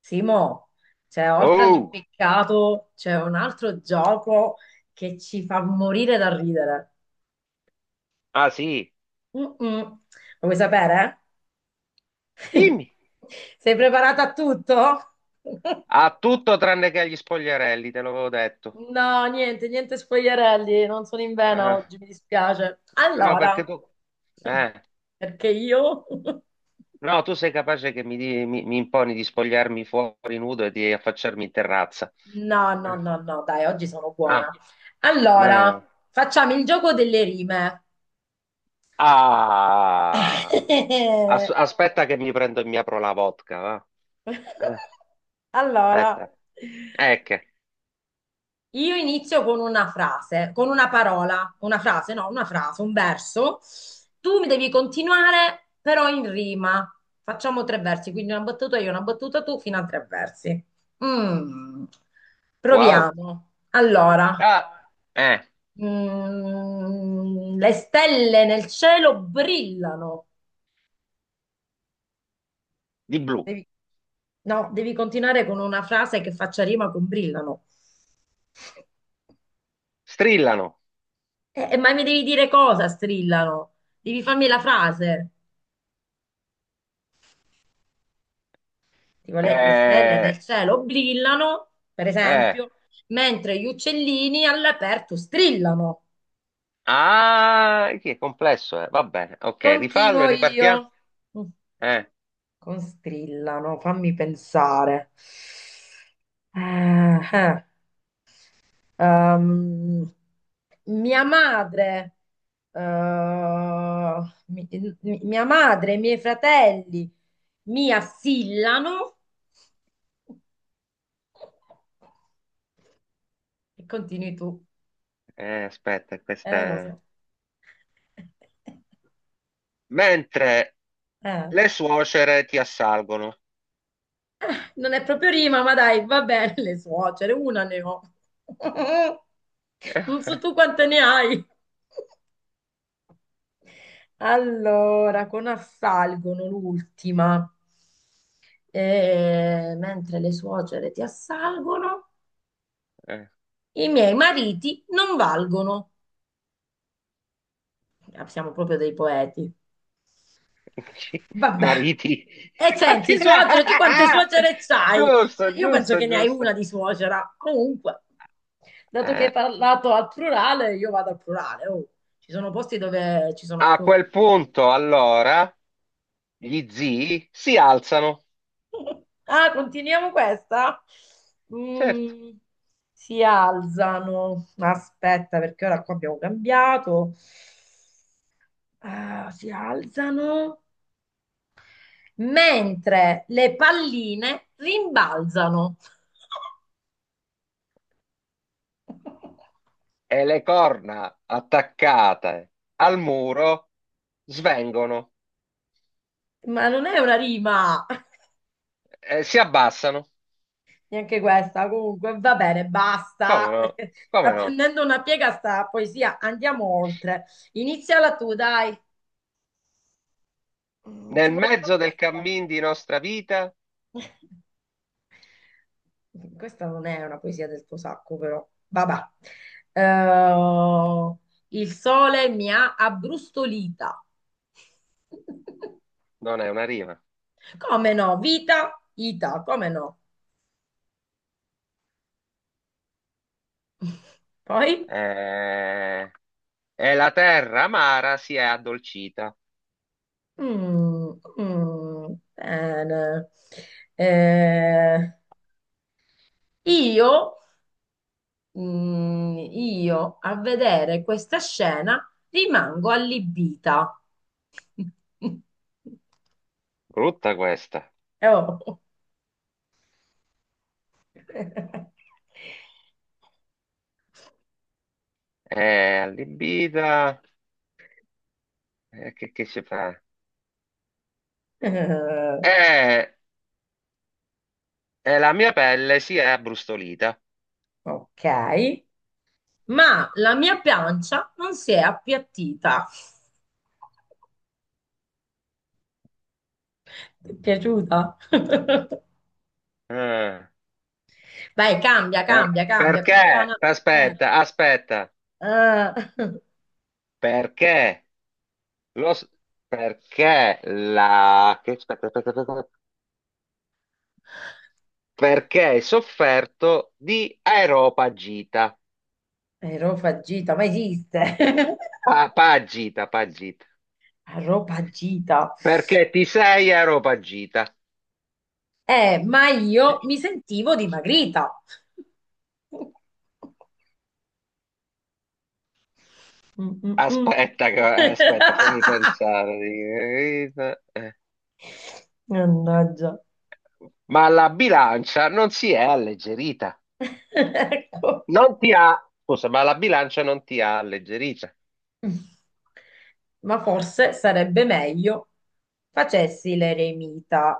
Simo, cioè, oltre Oh, all'impiccato c'è un altro gioco che ci fa morire da ridere. ah sì, Mm-mm. Lo vuoi sapere? dimmi. Sei preparata a tutto? Ha tutto tranne che agli spogliarelli, te l'avevo detto. No, niente, niente spogliarelli, non sono in vena Eh, oggi, mi dispiace. no, Allora, perché tu... Eh, perché io? no, tu sei capace che mi imponi di spogliarmi fuori nudo e di affacciarmi in terrazza. No, no, Eh, no, no, dai, oggi sono Ah, buona. meno Allora, male. facciamo il gioco delle rime. Ah, as- aspetta che mi prendo e mi apro la vodka, va? Eh, Allora, Aspetta. Ecco, io inizio con una frase, con una parola, una frase, no, una frase, un verso. Tu mi devi continuare, però in rima. Facciamo tre versi, quindi una battuta io, una battuta tu, fino a tre versi. Mm. wow. Proviamo. Allora, Ah, eh, le stelle nel cielo brillano. di blu. Devi- no, devi continuare con una frase che faccia rima con brillano. Strillano. Ma mi devi dire cosa strillano? Devi farmi la frase. Tipo le stelle nel Eh, cielo brillano, per eh. esempio, mentre gli uccellini all'aperto strillano. Ah, che è complesso, eh. Va bene, ok, rifallo e Continuo io. ripartiamo. Mm, Eh, Con strillano, fammi pensare. Eh, eh, ehm, mia madre, eh, mi- mia madre e i miei fratelli mi assillano. E continui tu. Aspetta, questa Lo è. so. Mentre Eh. le suocere ti assalgono. Non è proprio rima, ma dai, va bene, le suocere, una ne ho. Eh, Non so eh, tu quante ne hai. Allora, con assalgono l'ultima. Mentre le suocere ti assalgono, eh. i miei mariti non valgono. Ah, siamo proprio dei poeti. Vabbè. Mariti. E Parti senti, là. suocere, tu quante suocere c'hai? Giusto, Cioè, io penso giusto, che ne hai giusto. una di suocera. Comunque, dato che hai Eh, parlato al plurale, io vado al plurale. Oh. Ci sono posti dove ci sono a più. quel punto, allora, gli zii si alzano, Ah, continuiamo questa? certo, Mm, si alzano. Aspetta, perché ora qua abbiamo cambiato. Ah, si alzano mentre le palline rimbalzano. e le corna attaccate al muro svengono, Ma non è una rima, e si abbassano. neanche questa. Comunque, va bene, Come basta. no? Perché Come sta no? prendendo una piega sta poesia. Andiamo oltre. Iniziala tu, dai. Ci Nel vuole mezzo del fantasia. cammin di nostra vita. Qui. Questa non è una poesia del tuo sacco, però. Vabbè. Eh, il sole mi ha abbrustolita. Non è una rima. Come no? Vita, ita, come no? Poi? Eh, E la terra amara si è addolcita. Mm, mm, bene. Eh, io, io a vedere questa scena rimango allibita. Brutta questa. Oh. È allibita. Che si fa? Eh, Eh, E la mia pelle si è abbrustolita. ok, ma la mia pancia non si è appiattita. Ti è piaciuta? Eh, Vai, cambia, per- cambia, cambia, piano. perché? Eh. Aspetta, aspetta. eh. Perché? Lo, s- perché la. Che, aspetta, aspetta, aspetta. Perché hai sofferto di aeropagita. Aerofagita, ma esiste? Pagita, pagita. Aerofagita. Perché ti sei aeropagita. Ma io mi sentivo dimagrita. Mm, mm, mm. Aspetta, che- aspetta, fammi pensare. Mannaggia. Ma la bilancia non si è alleggerita. Ecco. Non ti ha. Scusa, ma la bilancia non ti ha alleggerita. Ma forse sarebbe meglio facessi l'eremita.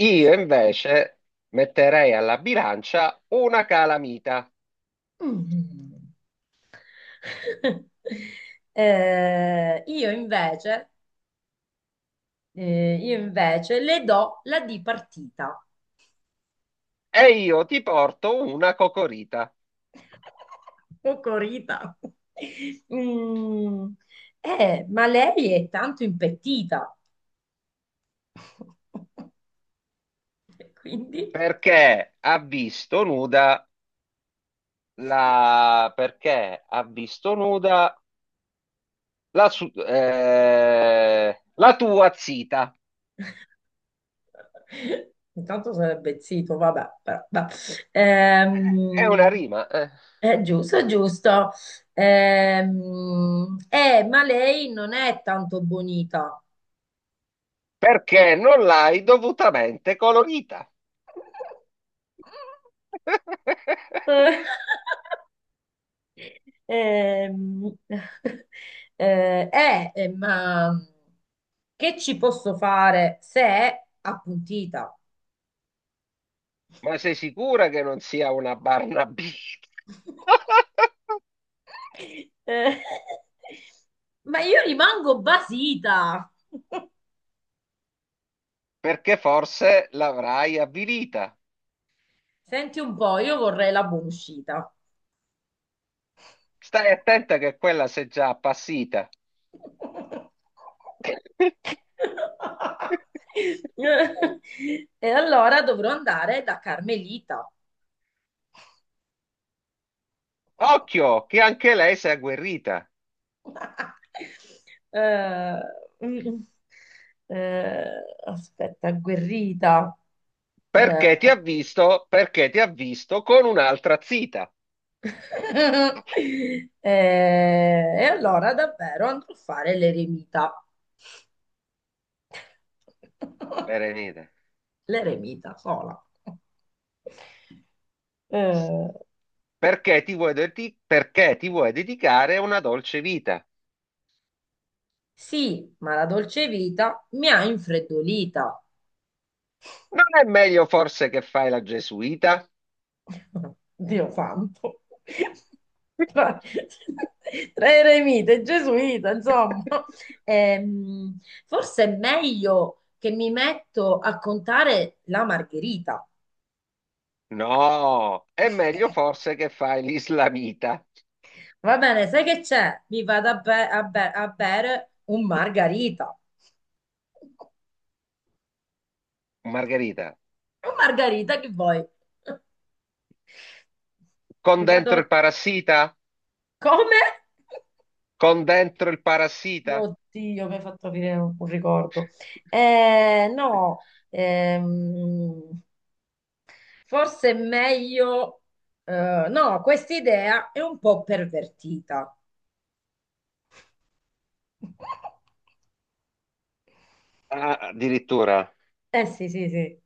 Io invece metterei alla bilancia una calamita Mm. Eh, io invece io invece le do la D partita. e io ti porto una cocorita. Cocorita. Mm. Ma lei è tanto impettita. Quindi, Perché ha visto nuda la. Perché ha visto nuda la tua zita. intanto sarebbe zitto, vabbè. Però, vabbè. È una Ehm, rima. Eh. è giusto, è giusto. Ma lei non è tanto bonita. Perché non l'hai dovutamente colorita. Ehm, ma che ci posso fare se è appuntita? Ma sei sicura che non sia una Barnaby? Eh, ma io rimango basita. Perché forse l'avrai avvilita. Senti un po', io vorrei la buona uscita. Stai attenta che quella sei già appassita. E allora dovrò andare da Carmelita. Occhio, che anche lei si è agguerrita, Eh, mm, mm. eh, aspetta, agguerrita. perché ti ha Eh, visto, perché ti ha visto con un'altra zita, e allora davvero andrò a fare l'eremita. Berenice. L'eremita sola. Eh, Perché ti vuoi dedicare a una dolce vita? sì, ma la dolce vita mi ha infreddolita. Non è meglio forse che fai la gesuita? Dio santo. Tra, tra eremita e gesuita, insomma. Ehm, forse è meglio che mi metto a contare la margherita. No, è meglio forse che fai l'islamita. Va bene, sai che c'è? Mi vado a bere un margarita. Margherita, Un margarita che vuoi? con Mi vado. dentro il parassita? Come? Con dentro il parassita? Oddio, mi hai fatto venire un ricordo. No, ehm, forse è meglio, no, questa idea è un po' pervertita. Ah, addirittura. Eh sì, sì, sì.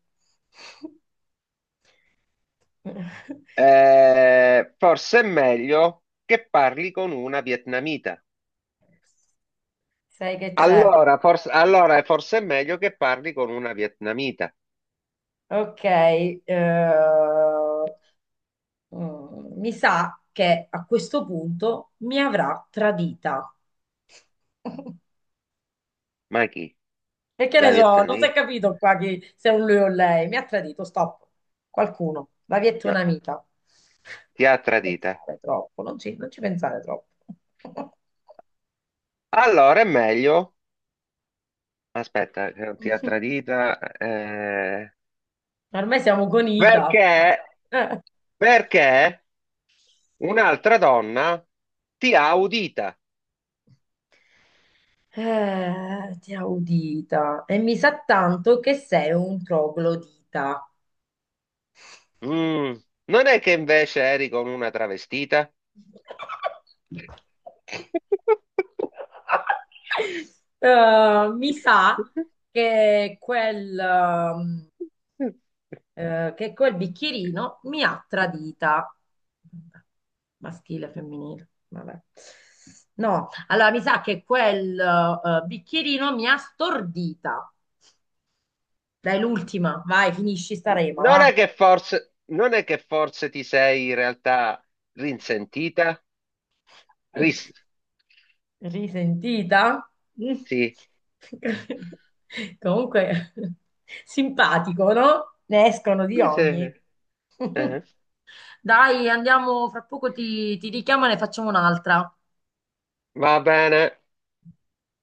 Forse è meglio che parli con una vietnamita. Sai che c'è? Allora, forse è meglio che parli con una vietnamita. Ok, mi sa che a questo punto mi avrà tradita. Ma chi? E che La ne so, non si è vietnamita? capito qua chi, se è un lui o lei. Mi ha tradito, stop. Qualcuno, la via è tua No, un'amica. Non ti ha ci tradita. pensare troppo, non ci pensare troppo. Allora è meglio. Aspetta, che non ti ha tradita. Ormai siamo con Ita. Perché? Eh, Perché un'altra donna ti ha udita. ti ha udita. E mi sa tanto che sei un troglodita. Mm, Non è che invece eri con una travestita? Mi sa che che quel bicchierino mi ha tradita. Vabbè, maschile, femminile, vabbè. No, allora mi sa che quel bicchierino mi ha stordita. Dai, l'ultima, vai, finisci sta rema, Non è va. che forse, non è che forse ti sei in realtà rinsentita? Ris- Risentita? Mm. sì. Comunque, simpatico, no? Ne escono di Sì, sì. ogni. Eh, Dai, andiamo, fra poco ti richiamo e ne facciamo un'altra. Va bene.